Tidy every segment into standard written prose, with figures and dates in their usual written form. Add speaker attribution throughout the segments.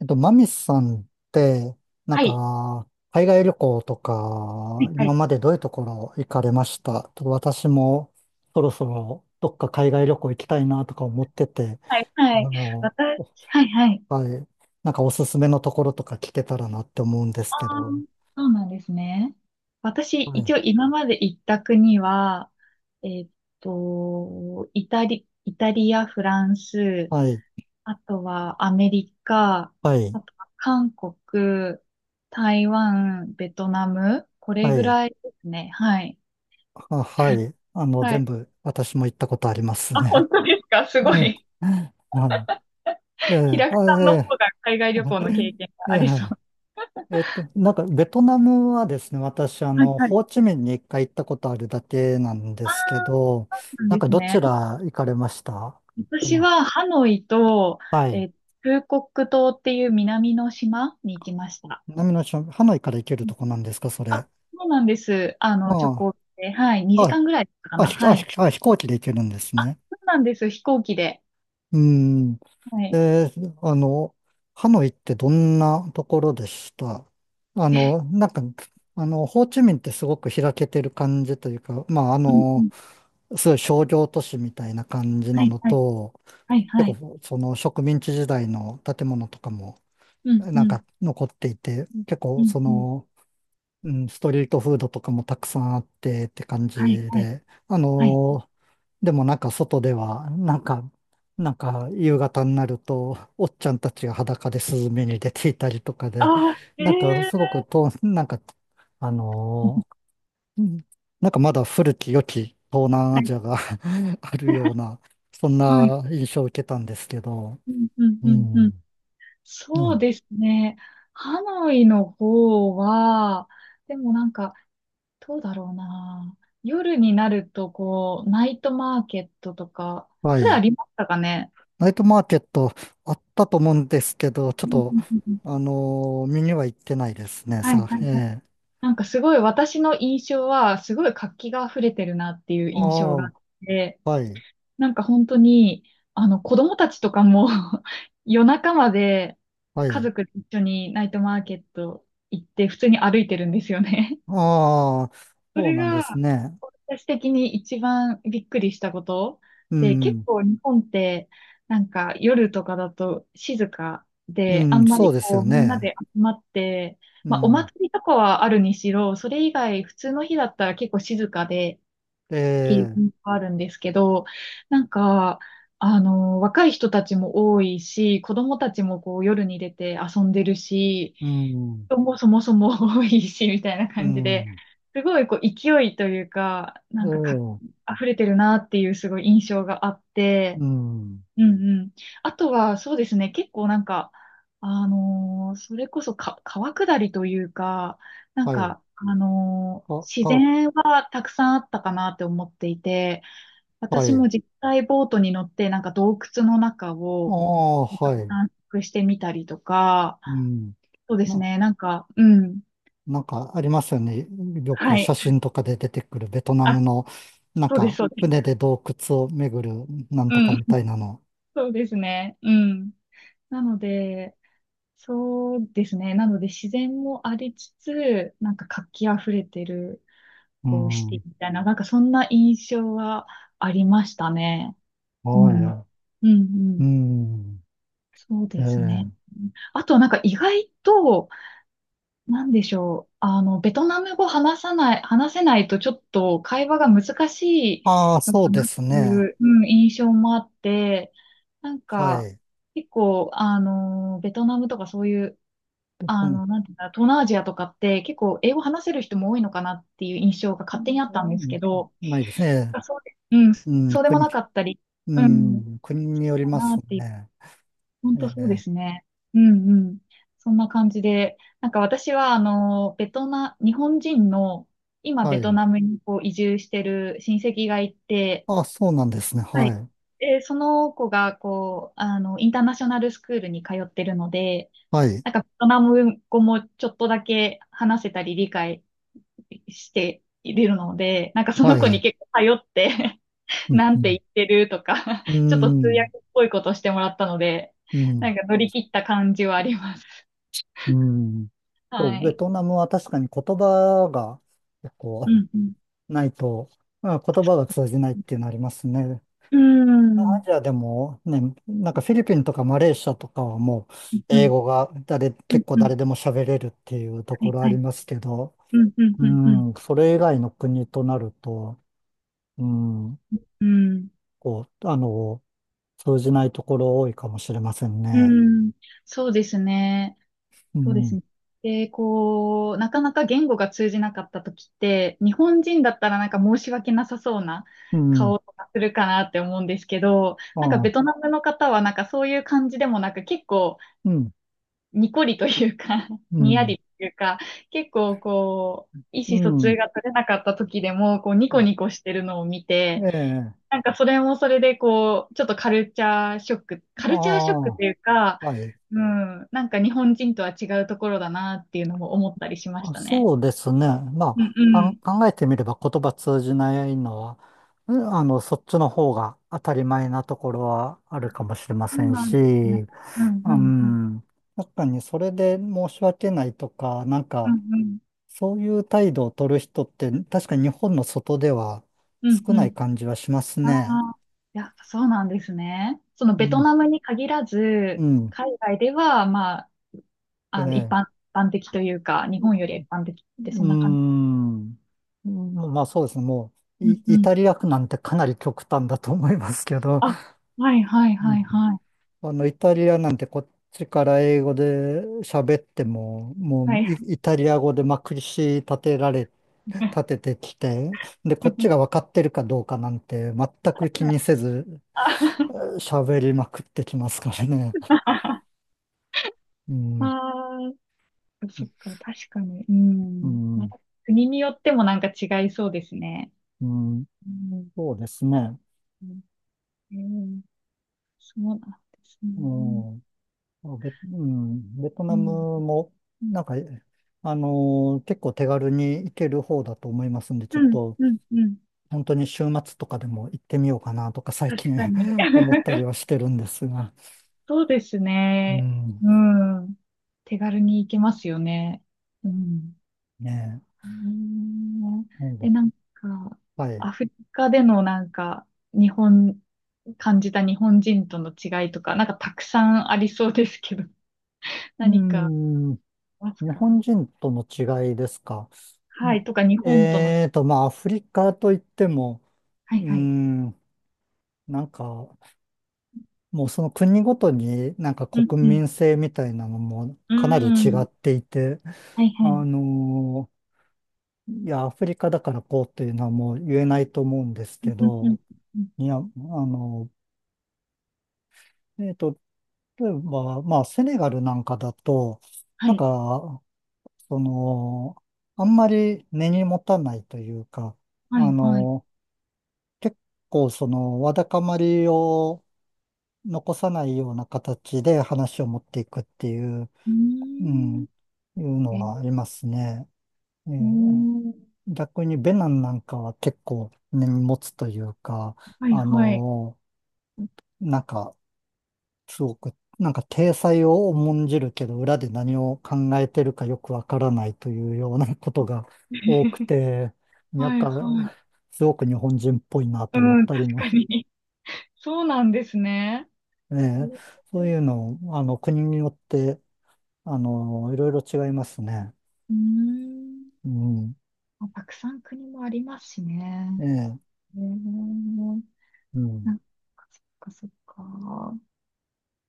Speaker 1: マミスさんって
Speaker 2: はい。
Speaker 1: 海外旅行と
Speaker 2: は
Speaker 1: か、
Speaker 2: い、は
Speaker 1: 今
Speaker 2: い、
Speaker 1: までどういうところ行かれました？ちょっと私も、そろそろ、どっか海外旅行行きたいなとか思ってて、
Speaker 2: はい、
Speaker 1: あ
Speaker 2: はい。
Speaker 1: の、
Speaker 2: 私、はい、はい。
Speaker 1: はい、なんかおすすめのところとか聞けたらなって思うんです
Speaker 2: あ
Speaker 1: けど、
Speaker 2: ー、そうなんですね。私、
Speaker 1: は
Speaker 2: 一
Speaker 1: い、
Speaker 2: 応今まで行った国は、えーっイタリア、フランス、
Speaker 1: はい、
Speaker 2: あとはアメリカ、
Speaker 1: はい、
Speaker 2: あとは韓国、台湾、ベトナム、これ
Speaker 1: は
Speaker 2: ぐ
Speaker 1: い、
Speaker 2: らいですね。はい。
Speaker 1: あ、はい、
Speaker 2: は
Speaker 1: 全
Speaker 2: い。
Speaker 1: 部私も行ったことあります
Speaker 2: あ、
Speaker 1: ね。
Speaker 2: 本当ですか、 すご
Speaker 1: うん、
Speaker 2: い。
Speaker 1: はい、ええ、
Speaker 2: 平久
Speaker 1: あ、
Speaker 2: さんの
Speaker 1: え
Speaker 2: 方が海外旅行の経験が
Speaker 1: え、え
Speaker 2: あ
Speaker 1: え
Speaker 2: りそう。
Speaker 1: ベトナムはですね、私、
Speaker 2: はい、はい。
Speaker 1: ホーチミンに一回行ったことあるだけなんで
Speaker 2: あ
Speaker 1: す
Speaker 2: あ、
Speaker 1: けど、
Speaker 2: そうなんです
Speaker 1: ど
Speaker 2: ね。
Speaker 1: ちら行かれました？そ
Speaker 2: 私
Speaker 1: の
Speaker 2: はハノイと、
Speaker 1: は
Speaker 2: え
Speaker 1: い。
Speaker 2: ー、フーコック島っていう南の島に行きました。
Speaker 1: 南の島、ハノイから行ける
Speaker 2: うん、
Speaker 1: とこなんですか、それ？
Speaker 2: あ、そうなんです。あの、直
Speaker 1: ああ、
Speaker 2: 行で、はい、2
Speaker 1: あ、
Speaker 2: 時間ぐらいだったか
Speaker 1: あ、
Speaker 2: な。
Speaker 1: ひあ、
Speaker 2: は
Speaker 1: ひ
Speaker 2: い。
Speaker 1: あ、飛行機で行けるんです
Speaker 2: あ、
Speaker 1: ね。
Speaker 2: そうなんです。飛行機で。
Speaker 1: うん。
Speaker 2: はい。
Speaker 1: で、あの、ハノイってどんなところでした？あ
Speaker 2: え、
Speaker 1: の、なんか、ホーチミンってすごく開けてる感じというか、まあ、
Speaker 2: うん、うん。
Speaker 1: すごい商業都市みたいな感じ
Speaker 2: は
Speaker 1: な
Speaker 2: い、
Speaker 1: の
Speaker 2: はい、
Speaker 1: と、
Speaker 2: はい、は
Speaker 1: 結
Speaker 2: い。
Speaker 1: 構その植民地時代の建物とかも
Speaker 2: うん、うん、
Speaker 1: 残っていて、結
Speaker 2: う
Speaker 1: 構
Speaker 2: ん、
Speaker 1: そ
Speaker 2: うん。
Speaker 1: の、うん、ストリートフードとかもたくさんあってって感
Speaker 2: はい、
Speaker 1: じ
Speaker 2: はい、
Speaker 1: で、
Speaker 2: はい。
Speaker 1: でもなんか外では、夕方になると、おっちゃんたちが裸でスズメに出ていたりとかで、
Speaker 2: ああ、え
Speaker 1: なんかすご
Speaker 2: え
Speaker 1: くと、なんか、あ
Speaker 2: ー。
Speaker 1: の ーうん、なんかまだ古き良き東南ア
Speaker 2: はい。
Speaker 1: ジアが あるよう な、そん
Speaker 2: はい。
Speaker 1: な印象を受けたんですけど、
Speaker 2: うん、うん、
Speaker 1: う
Speaker 2: うん、うん。
Speaker 1: ん。う
Speaker 2: そう
Speaker 1: ん。
Speaker 2: ですね。ハノイの方は、でもなんか、どうだろうな。夜になると、こう、ナイトマーケットとか、
Speaker 1: は
Speaker 2: それあ
Speaker 1: い。
Speaker 2: りましたかね？
Speaker 1: ナイトマーケット、あったと思うんですけど、ちょっ
Speaker 2: うん、う
Speaker 1: と、
Speaker 2: ん、うん、うん。
Speaker 1: 見には行ってないですね、
Speaker 2: はい、はい、はい。
Speaker 1: ええ。
Speaker 2: なんかすごい私の印象は、すごい活気が溢れてるなっていう
Speaker 1: あ
Speaker 2: 印象
Speaker 1: あ、
Speaker 2: があって、
Speaker 1: はい、
Speaker 2: なんか本当に、あの、子供たちとかも 夜中まで
Speaker 1: は
Speaker 2: 家
Speaker 1: い。
Speaker 2: 族で一緒にナイトマーケット行って、普通に歩いてるんですよね。
Speaker 1: ああ、
Speaker 2: そ
Speaker 1: そう
Speaker 2: れ
Speaker 1: なんです
Speaker 2: が、
Speaker 1: ね。
Speaker 2: 私的に一番びっくりしたこと
Speaker 1: う
Speaker 2: で、結
Speaker 1: ん、
Speaker 2: 構日本って、なんか夜とかだと静か
Speaker 1: う
Speaker 2: で、あ
Speaker 1: ん、
Speaker 2: んま
Speaker 1: そう
Speaker 2: り
Speaker 1: ですよ
Speaker 2: こう、みんな
Speaker 1: ね。
Speaker 2: で集まって、
Speaker 1: う
Speaker 2: まあお
Speaker 1: ん、
Speaker 2: 祭りとかはあるにしろ、それ以外普通の日だったら結構静かでっ
Speaker 1: え
Speaker 2: ていう
Speaker 1: え、
Speaker 2: のがあるんですけど、なんか、あの、若い人たちも多いし、子供たちもこう夜に出て遊んでるし、
Speaker 1: うん、
Speaker 2: 人もそもそも多いし、みたいな
Speaker 1: う
Speaker 2: 感じで、
Speaker 1: ん、
Speaker 2: すごいこう勢いというか、な
Speaker 1: え
Speaker 2: んかか、
Speaker 1: え、
Speaker 2: 溢れてるなっていうすごい印象があって、
Speaker 1: うん、
Speaker 2: うん、うん。あとは、そうですね、結構なんか、あのーそれこそ、川下りというか、なん
Speaker 1: はい。
Speaker 2: か、あのー
Speaker 1: あ、
Speaker 2: 自
Speaker 1: あ、
Speaker 2: 然はたくさんあったかなって思っていて、
Speaker 1: は
Speaker 2: 私
Speaker 1: い。
Speaker 2: も実際ボートに乗って、なんか洞窟の中
Speaker 1: あ
Speaker 2: を、
Speaker 1: あ、はい。
Speaker 2: 探索してみたりとか、
Speaker 1: うん。
Speaker 2: そうです
Speaker 1: な、
Speaker 2: ね、なんか、うん、
Speaker 1: なんかありますよね。よく
Speaker 2: はい。
Speaker 1: 写真とかで出てくるベトナム
Speaker 2: あ、
Speaker 1: の、なん
Speaker 2: そうです、
Speaker 1: か
Speaker 2: そうです。
Speaker 1: 船で洞窟を巡るなん
Speaker 2: う
Speaker 1: とか
Speaker 2: ん。
Speaker 1: みたいなの。
Speaker 2: そうですね。うん。なので、そうですね。なので、自然もありつつ、なんか活気あふれてる、
Speaker 1: う
Speaker 2: こう、シテ
Speaker 1: ん。
Speaker 2: ィみたいな、なんかそんな印象はありましたね。うん。
Speaker 1: は
Speaker 2: うん、う
Speaker 1: い。う
Speaker 2: ん。
Speaker 1: ん。
Speaker 2: そう
Speaker 1: え
Speaker 2: ですね。
Speaker 1: え。
Speaker 2: あと、なんか意外と、なんでしょう。あの、ベトナム語話さない、話せないとちょっと会話が難しい
Speaker 1: ああ、
Speaker 2: のか
Speaker 1: そうで
Speaker 2: なっ
Speaker 1: す
Speaker 2: てい
Speaker 1: ね。
Speaker 2: う、うん、印象もあって、なん
Speaker 1: は
Speaker 2: か、
Speaker 1: い。で、
Speaker 2: 結構、あの、ベトナムとかそういう、
Speaker 1: う
Speaker 2: あ
Speaker 1: ん、
Speaker 2: の、なんていうんだ、東南アジアとかって結構英語話せる人も多いのかなっていう印象が
Speaker 1: う
Speaker 2: 勝手にあったんです
Speaker 1: ん、
Speaker 2: けど、
Speaker 1: ないですね。
Speaker 2: あ、そうで、うん、
Speaker 1: うん。
Speaker 2: そうでもなかったり、
Speaker 1: う
Speaker 2: うん、か
Speaker 1: ん。国によります
Speaker 2: なっていう、
Speaker 1: ね。
Speaker 2: 本
Speaker 1: え
Speaker 2: 当そうで
Speaker 1: え。
Speaker 2: すね。うん、うん。そんな感じで、なんか私は、あの、ベトナ、日本人の、今
Speaker 1: は
Speaker 2: ベト
Speaker 1: い。
Speaker 2: ナムにこう移住してる親戚がいて、
Speaker 1: ああ、そうなんですね。
Speaker 2: は
Speaker 1: は
Speaker 2: い。
Speaker 1: い。
Speaker 2: で、その子が、こう、あの、インターナショナルスクールに通ってるので、
Speaker 1: はい。
Speaker 2: なんかベトナム語もちょっとだけ話せたり理解しているので、なんかその
Speaker 1: は
Speaker 2: 子に
Speaker 1: い。
Speaker 2: 結構頼って
Speaker 1: うん、
Speaker 2: な
Speaker 1: う
Speaker 2: んて言
Speaker 1: ん、
Speaker 2: ってるとか
Speaker 1: う
Speaker 2: ちょっと通
Speaker 1: ん、
Speaker 2: 訳っぽいことしてもらったので、
Speaker 1: う
Speaker 2: なん
Speaker 1: ん、
Speaker 2: か乗り切った感じはあります。
Speaker 1: うん。そ
Speaker 2: は
Speaker 1: う、ベ
Speaker 2: い。
Speaker 1: トナムは確かに言葉が結
Speaker 2: う
Speaker 1: 構
Speaker 2: ん、うん。
Speaker 1: ないと、まあ、言葉が通じないっていうのありますね。
Speaker 2: うーん、
Speaker 1: アジアでもね、なんかフィリピンとかマレーシアとかはもう
Speaker 2: う
Speaker 1: 英
Speaker 2: ん、
Speaker 1: 語が
Speaker 2: うん、
Speaker 1: 結構
Speaker 2: うん。
Speaker 1: 誰でも喋れるっていうと
Speaker 2: は
Speaker 1: こ
Speaker 2: い、
Speaker 1: ろあ
Speaker 2: は
Speaker 1: り
Speaker 2: い。
Speaker 1: ますけど、
Speaker 2: うん、うん、
Speaker 1: う
Speaker 2: うん、うん。
Speaker 1: ん、それ以外の国となると、うん、
Speaker 2: うん、
Speaker 1: こう、通じないところ多いかもしれません
Speaker 2: う
Speaker 1: ね。
Speaker 2: ん。そうですね。
Speaker 1: う
Speaker 2: そうです
Speaker 1: ん、
Speaker 2: ね。で、こう、なかなか言語が通じなかった時って、日本人だったらなんか申し訳なさそうな
Speaker 1: うん、
Speaker 2: 顔とかするかなって思うんですけど、
Speaker 1: あ
Speaker 2: なんかベ
Speaker 1: あ、
Speaker 2: トナムの方はなんかそういう感じでもなく、結構
Speaker 1: うん、
Speaker 2: にこりというか、
Speaker 1: う
Speaker 2: にや
Speaker 1: ん。
Speaker 2: りというか、結構こう、意
Speaker 1: う
Speaker 2: 思疎
Speaker 1: ん。
Speaker 2: 通が取れなかった時でも、こう、ニコニコしてるのを見
Speaker 1: え
Speaker 2: て、
Speaker 1: え。
Speaker 2: なんかそれもそれでこう、ちょっとカルチャーショック、カ
Speaker 1: あ
Speaker 2: ルチャーショック
Speaker 1: あ、
Speaker 2: というか、
Speaker 1: はい。
Speaker 2: うん、なんか日本人とは違うところだなっていうのも思ったりしまし
Speaker 1: あ、
Speaker 2: たね。
Speaker 1: そうですね。
Speaker 2: うん、
Speaker 1: ま
Speaker 2: う
Speaker 1: あ、
Speaker 2: ん。
Speaker 1: 考えてみれば言葉通じないのは、うん、そっちの方が当たり前なところはあるかもしれま
Speaker 2: そ
Speaker 1: せ
Speaker 2: う
Speaker 1: ん
Speaker 2: なん
Speaker 1: し、
Speaker 2: ですね。うん、
Speaker 1: う
Speaker 2: うん、うん。
Speaker 1: ん。確かにそれで申し訳ないとか、なん
Speaker 2: うん、
Speaker 1: か、
Speaker 2: うん。
Speaker 1: そういう態度を取る人って、確かに日本の外では
Speaker 2: うん、
Speaker 1: 少
Speaker 2: う
Speaker 1: ない
Speaker 2: ん。
Speaker 1: 感じはします
Speaker 2: あ
Speaker 1: ね。
Speaker 2: あ、やっぱそうなんですね。その
Speaker 1: う
Speaker 2: ベト
Speaker 1: ん。
Speaker 2: ナムに限ら
Speaker 1: う
Speaker 2: ず、
Speaker 1: ん。
Speaker 2: 海外では、まあ、
Speaker 1: え
Speaker 2: あの、一
Speaker 1: え。
Speaker 2: 般的というか、日本より一般的っ
Speaker 1: う
Speaker 2: てそ
Speaker 1: ー
Speaker 2: んな感じ。
Speaker 1: ん。まあそうですね。もう、
Speaker 2: うん、う
Speaker 1: イ
Speaker 2: ん。
Speaker 1: タリア区なんてかなり極端だと思いますけど、
Speaker 2: あ、はい、はい、
Speaker 1: う
Speaker 2: はい、
Speaker 1: ん、
Speaker 2: はい。
Speaker 1: イタリアなんてこっちから英語で喋っても、も
Speaker 2: は
Speaker 1: う
Speaker 2: い。
Speaker 1: イタリア語でまくりし立ててきて、で、こっちが分かってるかどうかなんて全く気にせず
Speaker 2: あ。
Speaker 1: 喋りまくってきますからね。うん、
Speaker 2: あー、そっか、確かに。う
Speaker 1: う
Speaker 2: ん。ま
Speaker 1: ん、
Speaker 2: た国によってもなんか違いそうですね。
Speaker 1: うん、
Speaker 2: うん。
Speaker 1: そうですね。
Speaker 2: うん、そうなんです
Speaker 1: う
Speaker 2: ね。
Speaker 1: ん、ベト
Speaker 2: う
Speaker 1: ナ
Speaker 2: ん。
Speaker 1: ムも、なんか、結構手軽に行ける方だと思いますんで、ち
Speaker 2: う
Speaker 1: ょっ
Speaker 2: ん、
Speaker 1: と、
Speaker 2: うん、うん。
Speaker 1: 本当に週末とかでも行ってみようかなとか、最
Speaker 2: 確
Speaker 1: 近
Speaker 2: かに。
Speaker 1: 思ったりはしてるんですが。
Speaker 2: そうです
Speaker 1: う
Speaker 2: ね。
Speaker 1: ん、
Speaker 2: うん。手軽に行けますよね。うん。
Speaker 1: ね
Speaker 2: うーん。
Speaker 1: え、なん
Speaker 2: え、
Speaker 1: で、
Speaker 2: なんか、
Speaker 1: はい。
Speaker 2: アフリカでの日本、感じた日本人との違いとか、なんかたくさんありそうですけど、
Speaker 1: う
Speaker 2: 何かあ
Speaker 1: ん、
Speaker 2: ります
Speaker 1: 日
Speaker 2: か？
Speaker 1: 本人との違いですか？う
Speaker 2: は
Speaker 1: ん、
Speaker 2: い、とか日本との、
Speaker 1: えーと、まあ、アフリカといっても、
Speaker 2: は
Speaker 1: う
Speaker 2: い、はい。
Speaker 1: ん、なんか、もうその国ごとになんか
Speaker 2: うん、
Speaker 1: 国
Speaker 2: うん、
Speaker 1: 民性みたいなのも
Speaker 2: うー
Speaker 1: かなり違っ
Speaker 2: ん、
Speaker 1: ていて、
Speaker 2: はい、は
Speaker 1: あ
Speaker 2: い。
Speaker 1: のいや、アフリカだからこうっていうのはもう言えないと思うんですけ
Speaker 2: うん、うん、
Speaker 1: ど、
Speaker 2: うん、
Speaker 1: いや、えっと、例えば、まあ、セネガルなんかだと、
Speaker 2: は
Speaker 1: なん
Speaker 2: い、
Speaker 1: か、その、あんまり根に持たないというか、
Speaker 2: は
Speaker 1: あ
Speaker 2: い、はい。
Speaker 1: の結構その、わだかまりを残さないような形で話を持っていくっていう、
Speaker 2: うー
Speaker 1: うん、
Speaker 2: ん、
Speaker 1: いうの
Speaker 2: え、う
Speaker 1: はありますね。え
Speaker 2: ー
Speaker 1: ー
Speaker 2: ん、
Speaker 1: 逆にベナンなんかは結構根に持つというか、
Speaker 2: はい、
Speaker 1: あ
Speaker 2: はい。
Speaker 1: のーなんか、すごく、なんか体裁を重んじるけど、裏で何を考えてるかよくわからないというようなことが多く て、やっ
Speaker 2: はい、はい。
Speaker 1: か、すごく日本人っぽいなと
Speaker 2: う
Speaker 1: 思っ
Speaker 2: ん、
Speaker 1: たり
Speaker 2: 確
Speaker 1: も、
Speaker 2: かに。そうなんですね。え
Speaker 1: ね、
Speaker 2: ー、
Speaker 1: そういうの、国によって、いろいろ違いますね。
Speaker 2: うーん。
Speaker 1: うん。
Speaker 2: まあたくさん国もありますしね。
Speaker 1: ええ、
Speaker 2: えー、
Speaker 1: う
Speaker 2: な
Speaker 1: ん。
Speaker 2: んか、そっか、そっか。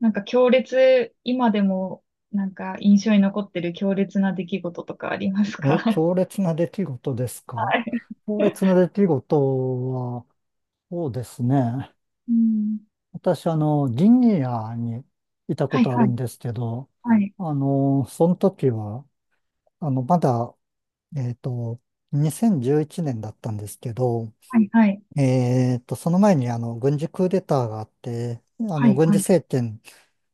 Speaker 2: なんか強烈、今でも、なんか印象に残ってる強烈な出来事とかあります
Speaker 1: え、
Speaker 2: か？
Speaker 1: 強 烈な出来事ですか？
Speaker 2: は
Speaker 1: 強
Speaker 2: い。
Speaker 1: 烈な出来事は、そうですね。
Speaker 2: うん。
Speaker 1: 私、ギニアにいたこ
Speaker 2: はい、
Speaker 1: とあ
Speaker 2: は
Speaker 1: るん
Speaker 2: い。
Speaker 1: ですけど、
Speaker 2: はい。
Speaker 1: その時は、あの、まだ、えっと、2011年だったんですけど、
Speaker 2: はい、はい。
Speaker 1: その前に、軍事クーデターがあって、
Speaker 2: はい、
Speaker 1: 軍
Speaker 2: は
Speaker 1: 事
Speaker 2: い。
Speaker 1: 政権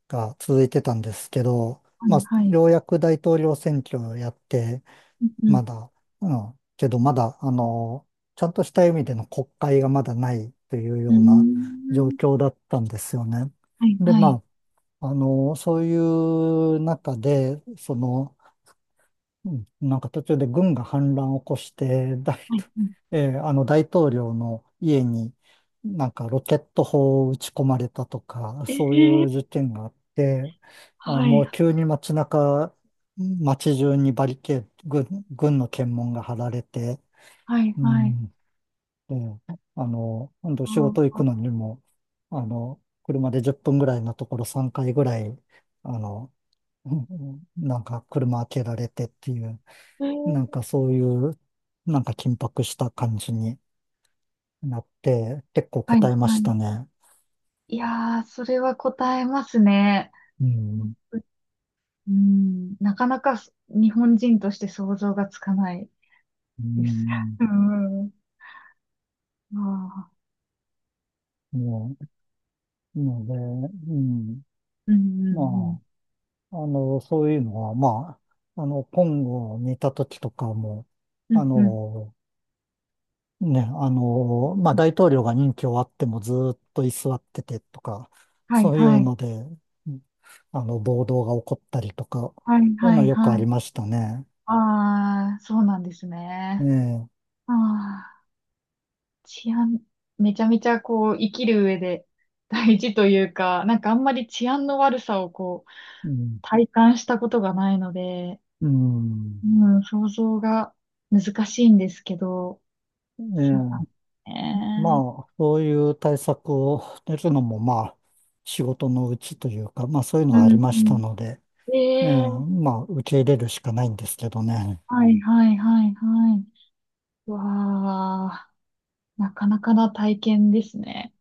Speaker 1: が続いてたんですけど、
Speaker 2: は
Speaker 1: まあ、
Speaker 2: い、はい。
Speaker 1: ようやく大統領選挙をやって、
Speaker 2: うん、う
Speaker 1: ま
Speaker 2: ん。
Speaker 1: だ、うん、けどまだ、ちゃんとした意味での国会がまだないという
Speaker 2: うー
Speaker 1: ような状
Speaker 2: ん。
Speaker 1: 況だったんですよね。
Speaker 2: はい、
Speaker 1: で、
Speaker 2: はい。
Speaker 1: まあ、そういう中で、その、うん、なんか途中で軍が反乱を起こして、
Speaker 2: はい、うん。
Speaker 1: 大統領の家になんかロケット砲を撃ち込まれたとか、
Speaker 2: え
Speaker 1: そうい
Speaker 2: ー、
Speaker 1: う事件があって、あ、
Speaker 2: は
Speaker 1: も
Speaker 2: い、
Speaker 1: う急に街中にバリケード、軍の検問が張られて、
Speaker 2: はい、
Speaker 1: う
Speaker 2: はい。
Speaker 1: ん、で、今度仕事行
Speaker 2: あ
Speaker 1: くのにも、車で10分ぐらいのところ3回ぐらい、あの、うん、なんか車開けられてっていう、
Speaker 2: ー、え
Speaker 1: なん
Speaker 2: ー、
Speaker 1: かそういう、なんか緊迫した感じになって、結構
Speaker 2: は
Speaker 1: 答
Speaker 2: い、
Speaker 1: えま
Speaker 2: は
Speaker 1: し
Speaker 2: い。
Speaker 1: たね。
Speaker 2: いやー、それは答えますね。
Speaker 1: うん。
Speaker 2: うん、なかなか、そ、日本人として想像がつかない
Speaker 1: う
Speaker 2: です。
Speaker 1: ん。
Speaker 2: うん。ああ、
Speaker 1: もう、ので、うん。
Speaker 2: うん、うん、
Speaker 1: まあ、そういうのは、まあ、今後にいた時とかも、
Speaker 2: う
Speaker 1: あ
Speaker 2: ん。うん、うん、
Speaker 1: の、ね、まあ、
Speaker 2: うん。
Speaker 1: 大統領が任期終わってもずーっと居座っててとか、
Speaker 2: はい、
Speaker 1: そうい
Speaker 2: は
Speaker 1: う
Speaker 2: い。
Speaker 1: ので、うん、暴動が起こったりとか、そ
Speaker 2: はい、
Speaker 1: ういう
Speaker 2: は
Speaker 1: のは
Speaker 2: い、
Speaker 1: よくあ
Speaker 2: は
Speaker 1: り
Speaker 2: い。
Speaker 1: ましたね。
Speaker 2: ああ、そうなんですね。
Speaker 1: ね
Speaker 2: ああ、治安、めちゃめちゃこう、生きる上で大事というか、なんかあんまり治安の悪さをこう、
Speaker 1: え。うん、
Speaker 2: 体感したことがないので、
Speaker 1: うん。
Speaker 2: うん、想像が難しいんですけど、
Speaker 1: え
Speaker 2: そうなんで
Speaker 1: え。
Speaker 2: す
Speaker 1: ま
Speaker 2: ね。
Speaker 1: あ、そういう対策を練るのも、まあ、仕事のうちというか、まあ、そういうの
Speaker 2: う
Speaker 1: はあり
Speaker 2: ん、
Speaker 1: ま
Speaker 2: う
Speaker 1: した
Speaker 2: ん、
Speaker 1: ので、ええ、
Speaker 2: ええ、
Speaker 1: まあ、受け入れるしかないんですけどね。
Speaker 2: はい、はい、はい、はい。わあ、なかなかな体験ですね。